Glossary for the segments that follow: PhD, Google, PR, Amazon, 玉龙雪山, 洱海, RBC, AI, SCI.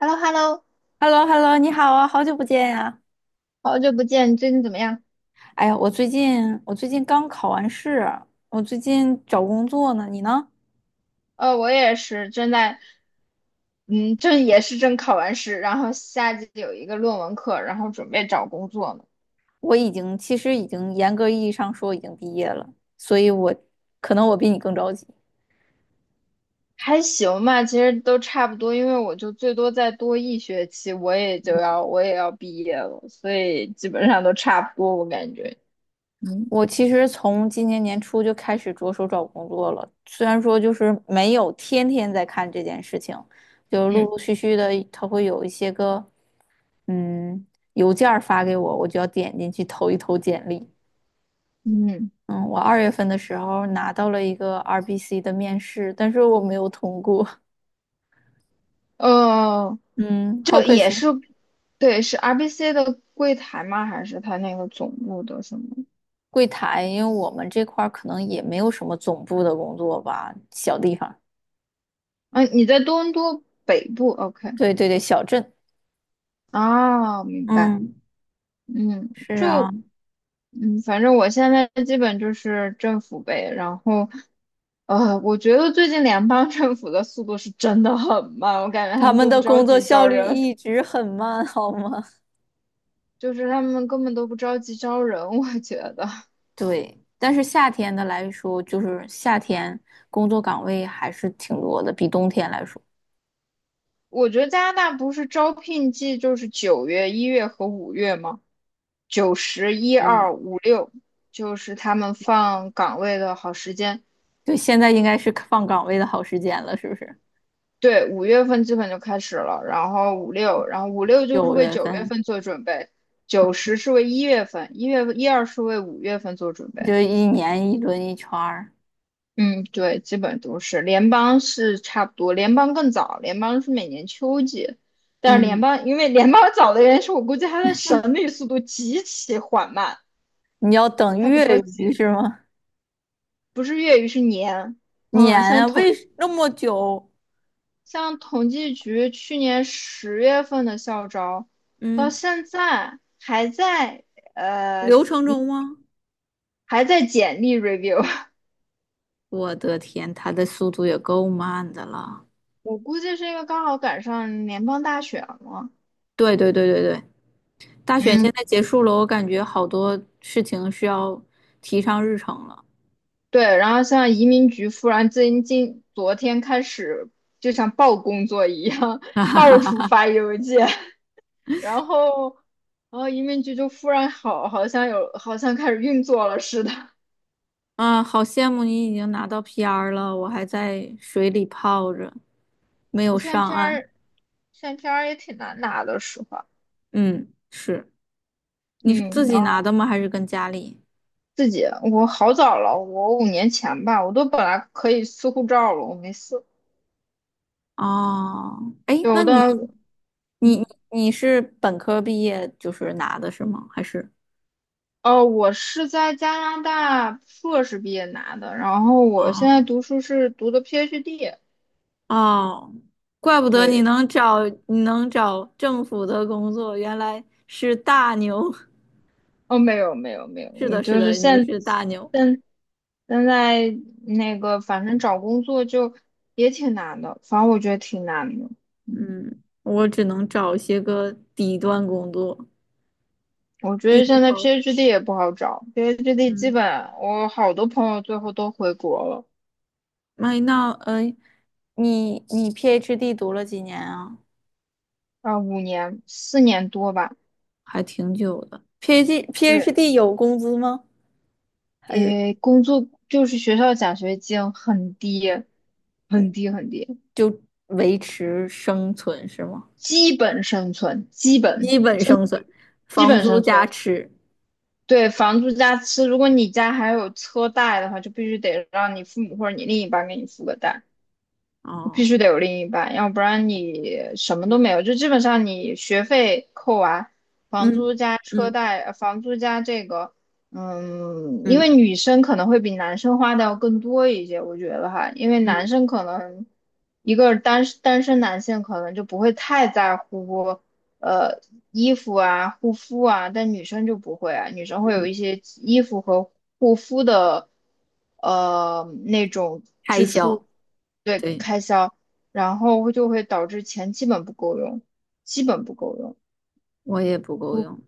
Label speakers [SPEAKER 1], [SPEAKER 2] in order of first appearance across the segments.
[SPEAKER 1] h e l l o h e l l o
[SPEAKER 2] h e l l o h e l l o 你好啊，好久不见呀！
[SPEAKER 1] 好久不见，你最近怎么样？
[SPEAKER 2] 哎呀，我最近刚考完试，我最近找工作呢，你呢？
[SPEAKER 1] 我也是正在，嗯，正也是正考完试，然后下季有一个论文课，然后准备找工作呢。
[SPEAKER 2] 我其实严格意义上说已经毕业了，所以我可能比你更着急。
[SPEAKER 1] 还行吧，其实都差不多，因为我就最多再多一学期，我也要毕业了，所以基本上都差不多，我感觉。嗯
[SPEAKER 2] 我其实从今年年初就开始着手找工作了，虽然说就是没有天天在看这件事情，就陆
[SPEAKER 1] 嗯
[SPEAKER 2] 陆续续的，它会有一些个嗯邮件儿发给我，我就要点进去投一投简历。
[SPEAKER 1] 嗯。
[SPEAKER 2] 嗯，我二月份的时候拿到了一个 RBC 的面试，但是我没有通过，
[SPEAKER 1] 呃，
[SPEAKER 2] 嗯，好
[SPEAKER 1] 这
[SPEAKER 2] 可
[SPEAKER 1] 也
[SPEAKER 2] 惜。
[SPEAKER 1] 是。对，是 RBC 的柜台吗？还是他那个总部的什么？
[SPEAKER 2] 柜台，因为我们这块儿可能也没有什么总部的工作吧，小地方，
[SPEAKER 1] 嗯，你在多伦多北部，OK。
[SPEAKER 2] 对对对，小镇，
[SPEAKER 1] 啊，明白。
[SPEAKER 2] 嗯，
[SPEAKER 1] 嗯，
[SPEAKER 2] 是啊，
[SPEAKER 1] 就，嗯，反正我现在基本就是政府呗。然后，我觉得最近联邦 政府的速度是真的很慢，我感觉他
[SPEAKER 2] 他
[SPEAKER 1] 们
[SPEAKER 2] 们
[SPEAKER 1] 都不
[SPEAKER 2] 的
[SPEAKER 1] 着
[SPEAKER 2] 工作
[SPEAKER 1] 急
[SPEAKER 2] 效
[SPEAKER 1] 招
[SPEAKER 2] 率
[SPEAKER 1] 人。
[SPEAKER 2] 一直很慢，好吗？
[SPEAKER 1] 就是他们根本都不着急招人，我觉得。
[SPEAKER 2] 对，但是夏天的来说，就是夏天工作岗位还是挺多的，比冬天来说，
[SPEAKER 1] 我觉得加拿大不是招聘季就是九月、一月和五月吗？九十一
[SPEAKER 2] 嗯，
[SPEAKER 1] 二五六，就是他们放岗位的好时间。
[SPEAKER 2] 对，现在应该是放岗位的好时间了，是不是？
[SPEAKER 1] 对，五月份基本就开始了，然后五六，然后五六就是
[SPEAKER 2] 九
[SPEAKER 1] 为
[SPEAKER 2] 月
[SPEAKER 1] 九月
[SPEAKER 2] 份。
[SPEAKER 1] 份做准备。九十是为1月份，一月一二是为五月份做准备。
[SPEAKER 2] 就一年一轮一圈儿。
[SPEAKER 1] 嗯，对，基本都是联邦是差不多，联邦更早，联邦是每年秋季。但是联
[SPEAKER 2] 嗯，
[SPEAKER 1] 邦因为联邦 早的原因是我估计它的审理速度极其缓慢。
[SPEAKER 2] 你要等
[SPEAKER 1] 它不着
[SPEAKER 2] 月余
[SPEAKER 1] 急，
[SPEAKER 2] 是吗？
[SPEAKER 1] 不是月语是年。
[SPEAKER 2] 年
[SPEAKER 1] 嗯，像
[SPEAKER 2] 啊，为什那么久？
[SPEAKER 1] 像统计局去年10月份的校招，到
[SPEAKER 2] 嗯，
[SPEAKER 1] 现在还在呃
[SPEAKER 2] 流程中吗？
[SPEAKER 1] 还在简历 review。
[SPEAKER 2] 我的天，他的速度也够慢的了。
[SPEAKER 1] 我估计是因为刚好赶上联邦大选了。
[SPEAKER 2] 对对对对对，大选
[SPEAKER 1] 嗯，
[SPEAKER 2] 现在结束了，我感觉好多事情是要提上日程了。
[SPEAKER 1] 对，然后像移民局忽然最近昨天开始就像报工作一样，到 处发邮件，然后。然后移民局就忽然好，好像有，好像开始运作了似的。
[SPEAKER 2] 啊，好羡慕你已经拿到 PR 了，我还在水里泡着，没有
[SPEAKER 1] 现
[SPEAKER 2] 上
[SPEAKER 1] 在
[SPEAKER 2] 岸。
[SPEAKER 1] PR 现在 PR 也挺难拿的，实话。
[SPEAKER 2] 嗯，是，你是
[SPEAKER 1] 嗯，
[SPEAKER 2] 自己
[SPEAKER 1] 然后
[SPEAKER 2] 拿的吗？还是跟家里？
[SPEAKER 1] 自己我好早了，我5年前吧，我都本来可以撕护照了，我没撕。
[SPEAKER 2] 哦，哎，那
[SPEAKER 1] 有
[SPEAKER 2] 你
[SPEAKER 1] 的，
[SPEAKER 2] 你
[SPEAKER 1] 嗯，
[SPEAKER 2] 你你是本科毕业就是拿的是吗？还是？
[SPEAKER 1] 哦，我是在加拿大硕士毕业拿的，然后我现在
[SPEAKER 2] 哦
[SPEAKER 1] 读书是读的 PhD。
[SPEAKER 2] 哦，怪不得你
[SPEAKER 1] 对，
[SPEAKER 2] 能找你能找政府的工作，原来是大牛。
[SPEAKER 1] 哦，没有，
[SPEAKER 2] 是
[SPEAKER 1] 我
[SPEAKER 2] 的，是
[SPEAKER 1] 就是
[SPEAKER 2] 的，你
[SPEAKER 1] 现
[SPEAKER 2] 是大牛。
[SPEAKER 1] 现现在那个，反正找工作就也挺难的，反正我觉得挺难的。嗯。
[SPEAKER 2] 嗯，我只能找些个底端工作。
[SPEAKER 1] 我觉
[SPEAKER 2] 你
[SPEAKER 1] 得现在
[SPEAKER 2] 好，
[SPEAKER 1] PhD 也不好找，PhD 基本
[SPEAKER 2] 嗯，
[SPEAKER 1] 我好多朋友最后都回国了。
[SPEAKER 2] 麦那你你 PhD 读了几年啊？
[SPEAKER 1] 啊，5年4年多吧。
[SPEAKER 2] 还挺久的。PhD
[SPEAKER 1] 对，
[SPEAKER 2] PhD 有工资吗？还是？
[SPEAKER 1] 诶，工作就是学校奖学金很低，很低很低。
[SPEAKER 2] 就维持生存是吗？
[SPEAKER 1] 基本生存，基本
[SPEAKER 2] 基本
[SPEAKER 1] 真的
[SPEAKER 2] 生存，
[SPEAKER 1] 基
[SPEAKER 2] 房
[SPEAKER 1] 本
[SPEAKER 2] 租
[SPEAKER 1] 生
[SPEAKER 2] 加
[SPEAKER 1] 存。
[SPEAKER 2] 吃。
[SPEAKER 1] 对，房租加吃，如果你家还有车贷的话，就必须得让你父母或者你另一半给你付个贷，必
[SPEAKER 2] 哦，
[SPEAKER 1] 须得有另一半，要不然你什么都没
[SPEAKER 2] 嗯
[SPEAKER 1] 有。就基本上你学费扣完，房
[SPEAKER 2] 嗯
[SPEAKER 1] 租加车
[SPEAKER 2] 嗯
[SPEAKER 1] 贷，房租加这个。嗯，因为
[SPEAKER 2] 嗯
[SPEAKER 1] 女生可能会比男生花的要更多一些，我觉得哈，因为男
[SPEAKER 2] 嗯
[SPEAKER 1] 生可能一个单身男性可能就不会太在乎。呃，衣服啊、护肤啊，但女生就不会啊，女生会有
[SPEAKER 2] 嗯，
[SPEAKER 1] 一些衣服和护肤的，那种
[SPEAKER 2] 开
[SPEAKER 1] 支出。
[SPEAKER 2] 销，对，
[SPEAKER 1] 然后就会导致钱基本不够用，基本不够用，
[SPEAKER 2] 我也不够用。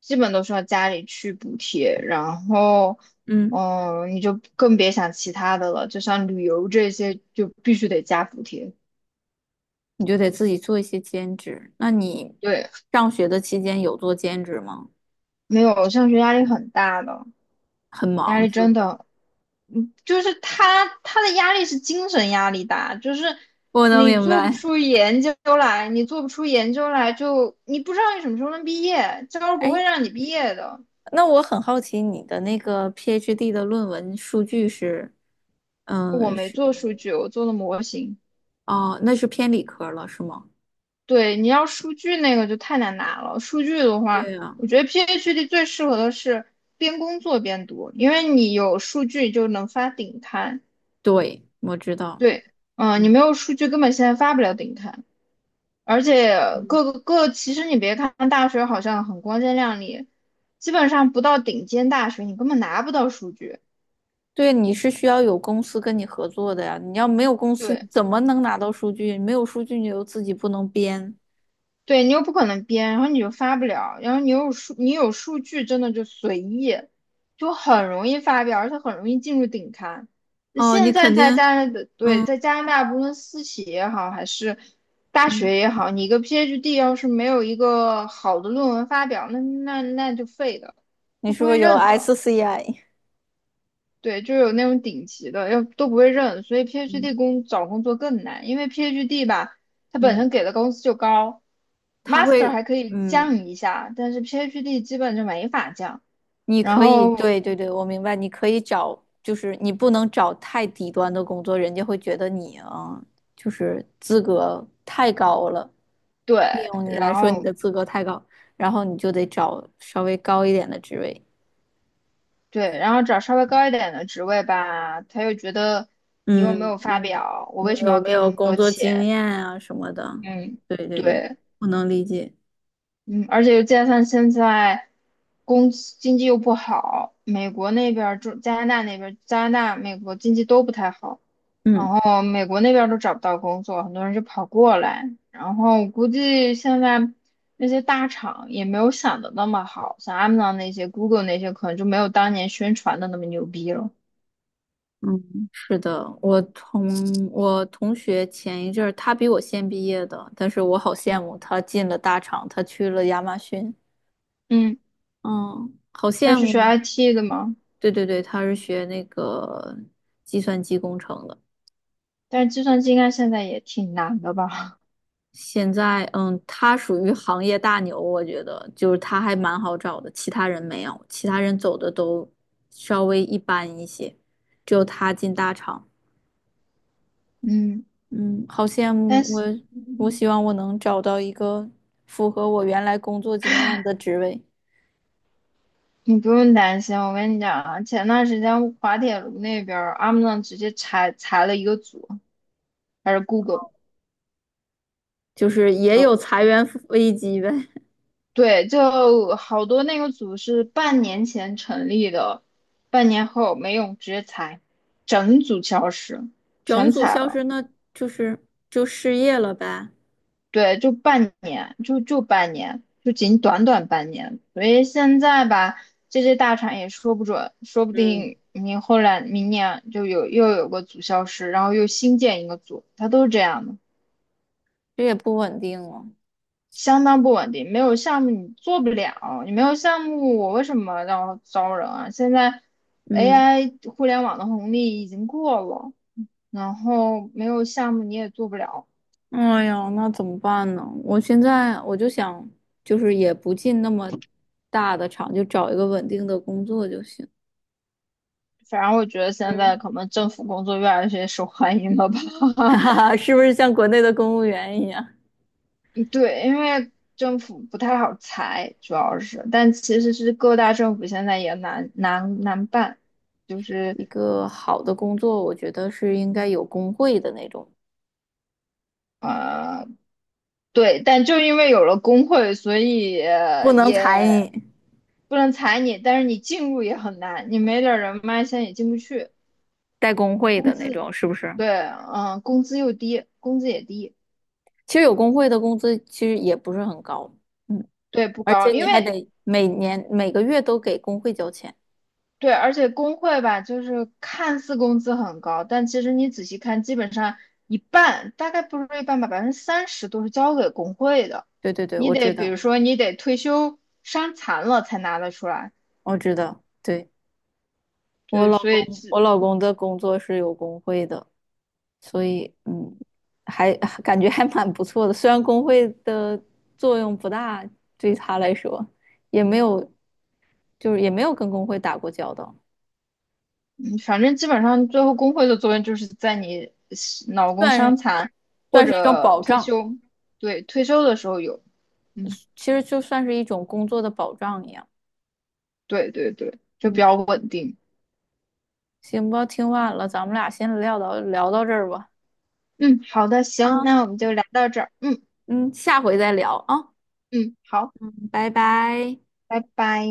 [SPEAKER 1] 基本都需要家里去补贴。然后，
[SPEAKER 2] 嗯，
[SPEAKER 1] 嗯，你就更别想其他的了，就像旅游这些就必须得加补贴。
[SPEAKER 2] 你就得自己做一些兼职。那你
[SPEAKER 1] 对，
[SPEAKER 2] 上学的期间有做兼职吗？
[SPEAKER 1] 没有，上学压力很大的，
[SPEAKER 2] 很
[SPEAKER 1] 压
[SPEAKER 2] 忙
[SPEAKER 1] 力
[SPEAKER 2] 是不
[SPEAKER 1] 真
[SPEAKER 2] 是？
[SPEAKER 1] 的。嗯就是他的压力是精神压力大，就是
[SPEAKER 2] 我能
[SPEAKER 1] 你
[SPEAKER 2] 明
[SPEAKER 1] 做不
[SPEAKER 2] 白。
[SPEAKER 1] 出研究来，你做不出研究来就你不知道你什么时候能毕业，教授不
[SPEAKER 2] 哎，
[SPEAKER 1] 会让你毕业的。
[SPEAKER 2] 那我很好奇你的那个 PhD 的论文数据是，
[SPEAKER 1] 我
[SPEAKER 2] 嗯，
[SPEAKER 1] 没
[SPEAKER 2] 是
[SPEAKER 1] 做数据，我做了模型。
[SPEAKER 2] 哦，那是偏理科了是吗？
[SPEAKER 1] 对，你要数据那个就太难拿了。数据的
[SPEAKER 2] 对
[SPEAKER 1] 话，
[SPEAKER 2] 呀，
[SPEAKER 1] 我觉得 PhD 最适合的是边工作边读，因为你有数据就能发顶刊。
[SPEAKER 2] 对，我知道。
[SPEAKER 1] 对，嗯、你
[SPEAKER 2] 嗯
[SPEAKER 1] 没有数据根本现在发不了顶刊。而且
[SPEAKER 2] 嗯，
[SPEAKER 1] 各个各，其实你别看大学好像很光鲜亮丽，基本上不到顶尖大学，你根本拿不到数据。
[SPEAKER 2] 对，你是需要有公司跟你合作的呀。你要没有公司，你
[SPEAKER 1] 对，
[SPEAKER 2] 怎么能拿到数据？没有数据，你又自己不能编。
[SPEAKER 1] 对你又不可能编，然后你又发不了，然后你有数据真的就随意，就很容易发表，而且很容易进入顶刊。那
[SPEAKER 2] 哦，你
[SPEAKER 1] 现在
[SPEAKER 2] 肯
[SPEAKER 1] 在
[SPEAKER 2] 定，
[SPEAKER 1] 加拿大，对，
[SPEAKER 2] 嗯
[SPEAKER 1] 在加拿大，无论私企也好，还是大
[SPEAKER 2] 嗯
[SPEAKER 1] 学也好，你一个 PhD 要是没有一个好的论文发表，那就废的，
[SPEAKER 2] 你
[SPEAKER 1] 都
[SPEAKER 2] 是
[SPEAKER 1] 不
[SPEAKER 2] 不
[SPEAKER 1] 会
[SPEAKER 2] 是有
[SPEAKER 1] 认的。
[SPEAKER 2] SCI？
[SPEAKER 1] 对，就有那种顶级的，要都不会认，所以
[SPEAKER 2] 嗯
[SPEAKER 1] PhD 找工作更难，因为 PhD 吧，它本身
[SPEAKER 2] 嗯，
[SPEAKER 1] 给的工资就高
[SPEAKER 2] 他
[SPEAKER 1] ，Master
[SPEAKER 2] 会，
[SPEAKER 1] 还可以
[SPEAKER 2] 嗯，
[SPEAKER 1] 降一下，但是 PhD 基本就没法降。
[SPEAKER 2] 你
[SPEAKER 1] 然
[SPEAKER 2] 可以，
[SPEAKER 1] 后
[SPEAKER 2] 对对对，我明白，你可以找，就是你不能找太低端的工作，人家会觉得你啊，就是资格太高了，
[SPEAKER 1] 对，
[SPEAKER 2] 利用你
[SPEAKER 1] 然
[SPEAKER 2] 来说你
[SPEAKER 1] 后
[SPEAKER 2] 的资格太高，然后你就得找稍微高一点的职位。
[SPEAKER 1] 对，然后找稍微高一点的职位吧，他又觉得你又没
[SPEAKER 2] 嗯
[SPEAKER 1] 有发
[SPEAKER 2] 嗯，
[SPEAKER 1] 表，我
[SPEAKER 2] 你
[SPEAKER 1] 为什么
[SPEAKER 2] 有
[SPEAKER 1] 要
[SPEAKER 2] 没
[SPEAKER 1] 给你那
[SPEAKER 2] 有
[SPEAKER 1] 么
[SPEAKER 2] 工
[SPEAKER 1] 多
[SPEAKER 2] 作经
[SPEAKER 1] 钱？
[SPEAKER 2] 验啊什么的？
[SPEAKER 1] 嗯，
[SPEAKER 2] 对对对，
[SPEAKER 1] 对。
[SPEAKER 2] 我能理解。
[SPEAKER 1] 嗯，而且又加上现在工资经济又不好，美国那边儿、加拿大那边儿加拿大、美国经济都不太好。然
[SPEAKER 2] 嗯。
[SPEAKER 1] 后美国那边儿都找不到工作，很多人就跑过来，然后我估计现在那些大厂也没有想的那么好，像 Amazon 那些、Google 那些可能就没有当年宣传的那么牛逼了。
[SPEAKER 2] 嗯，是的，我同学前一阵儿，他比我先毕业的，但是我好
[SPEAKER 1] 嗯，
[SPEAKER 2] 羡慕他进了大厂，他去了亚马逊，
[SPEAKER 1] 嗯，
[SPEAKER 2] 嗯，好
[SPEAKER 1] 他
[SPEAKER 2] 羡
[SPEAKER 1] 是学
[SPEAKER 2] 慕。
[SPEAKER 1] IT 的嘛。
[SPEAKER 2] 对对对，他是学那个计算机工程的，
[SPEAKER 1] 但是计算机应该现在也挺难的吧？
[SPEAKER 2] 现在嗯，他属于行业大牛，我觉得就是他还蛮好找的，其他人没有，其他人走的都稍微一般一些，只有他进大厂。
[SPEAKER 1] 嗯，
[SPEAKER 2] 嗯，好羡
[SPEAKER 1] 但
[SPEAKER 2] 慕我！
[SPEAKER 1] 是。
[SPEAKER 2] 我希望我能找到一个符合我原来工作经验的职位，
[SPEAKER 1] 你不用担心，我跟你讲啊，前段时间滑铁卢那边儿，Amazon 直接裁了一个组，还是 Google。
[SPEAKER 2] 就是也
[SPEAKER 1] 就
[SPEAKER 2] 有裁员危机呗，
[SPEAKER 1] 对，就好多那个组是半年前成立的，半年后没用，直接裁，整组消失，
[SPEAKER 2] 整
[SPEAKER 1] 全
[SPEAKER 2] 组
[SPEAKER 1] 裁
[SPEAKER 2] 消
[SPEAKER 1] 了。
[SPEAKER 2] 失，那就是就失业了呗。
[SPEAKER 1] 对，就半年，就半年，就仅短短半年。所以现在吧，这些大厂也说不准，说不
[SPEAKER 2] 嗯，
[SPEAKER 1] 定你后来明年又有个组消失，然后又新建一个组，它都是这样的，
[SPEAKER 2] 这也不稳定了。
[SPEAKER 1] 相当不稳定。没有项目你做不了，你没有项目，我为什么要招人啊？现在
[SPEAKER 2] 嗯，
[SPEAKER 1] AI 互联网的红利已经过了，然后没有项目你也做不了。
[SPEAKER 2] 哎呀，那怎么办呢？我现在我就想，就是也不进那么大的厂，就找一个稳定的工作就行。
[SPEAKER 1] 反正我觉得现在
[SPEAKER 2] 嗯，
[SPEAKER 1] 可能政府工作越来越受欢迎了吧。
[SPEAKER 2] 哈哈 哈，是不是像国内的公务员一样？
[SPEAKER 1] 对，因为政府不太好裁，主要是，但其实是各大政府现在也难办，就是
[SPEAKER 2] 一个好的工作，我觉得是应该有工会的那种，
[SPEAKER 1] 呃，对，但就因为有了工会，所以
[SPEAKER 2] 不能裁
[SPEAKER 1] 也
[SPEAKER 2] 你，
[SPEAKER 1] 不能裁你，但是你进入也很难，你没点儿人脉，现在也进不去。
[SPEAKER 2] 带工会
[SPEAKER 1] 工
[SPEAKER 2] 的那
[SPEAKER 1] 资，
[SPEAKER 2] 种，是不是？
[SPEAKER 1] 对，嗯，工资又低，工资也低。
[SPEAKER 2] 其实有工会的工资其实也不是很高，嗯，
[SPEAKER 1] 对，不
[SPEAKER 2] 而且
[SPEAKER 1] 高，因
[SPEAKER 2] 你
[SPEAKER 1] 为
[SPEAKER 2] 还得每年每个月都给工会交钱。
[SPEAKER 1] 对，而且工会吧，就是看似工资很高，但其实你仔细看，基本上一半，大概不是一半吧，30%都是交给工会的。
[SPEAKER 2] 对对对，
[SPEAKER 1] 你
[SPEAKER 2] 我
[SPEAKER 1] 得
[SPEAKER 2] 知
[SPEAKER 1] 比
[SPEAKER 2] 道，
[SPEAKER 1] 如说，你得退休伤残了才拿得出来。
[SPEAKER 2] 我知道，对，我
[SPEAKER 1] 对，
[SPEAKER 2] 老
[SPEAKER 1] 所以
[SPEAKER 2] 公，我老公的工作是有工会的，所以嗯，还感觉还蛮不错的。虽然工会的作用不大，对他来说也没有，就是也没有跟工会打过交道，
[SPEAKER 1] 嗯反正基本上最后工会的作用就是在你脑工
[SPEAKER 2] 算
[SPEAKER 1] 伤残或
[SPEAKER 2] 算是一种
[SPEAKER 1] 者
[SPEAKER 2] 保
[SPEAKER 1] 退
[SPEAKER 2] 障，
[SPEAKER 1] 休。对，退休的时候有。嗯，
[SPEAKER 2] 其实就算是一种工作的保障一样。
[SPEAKER 1] 对对对，就比
[SPEAKER 2] 嗯，
[SPEAKER 1] 较稳定。
[SPEAKER 2] 行吧，听晚了，咱们俩先聊到这儿吧。
[SPEAKER 1] 嗯，好的，
[SPEAKER 2] 啊，
[SPEAKER 1] 行，那我们就聊到这儿。嗯
[SPEAKER 2] 嗯，下回再聊啊，
[SPEAKER 1] 嗯，好，
[SPEAKER 2] 嗯，拜拜。
[SPEAKER 1] 拜拜。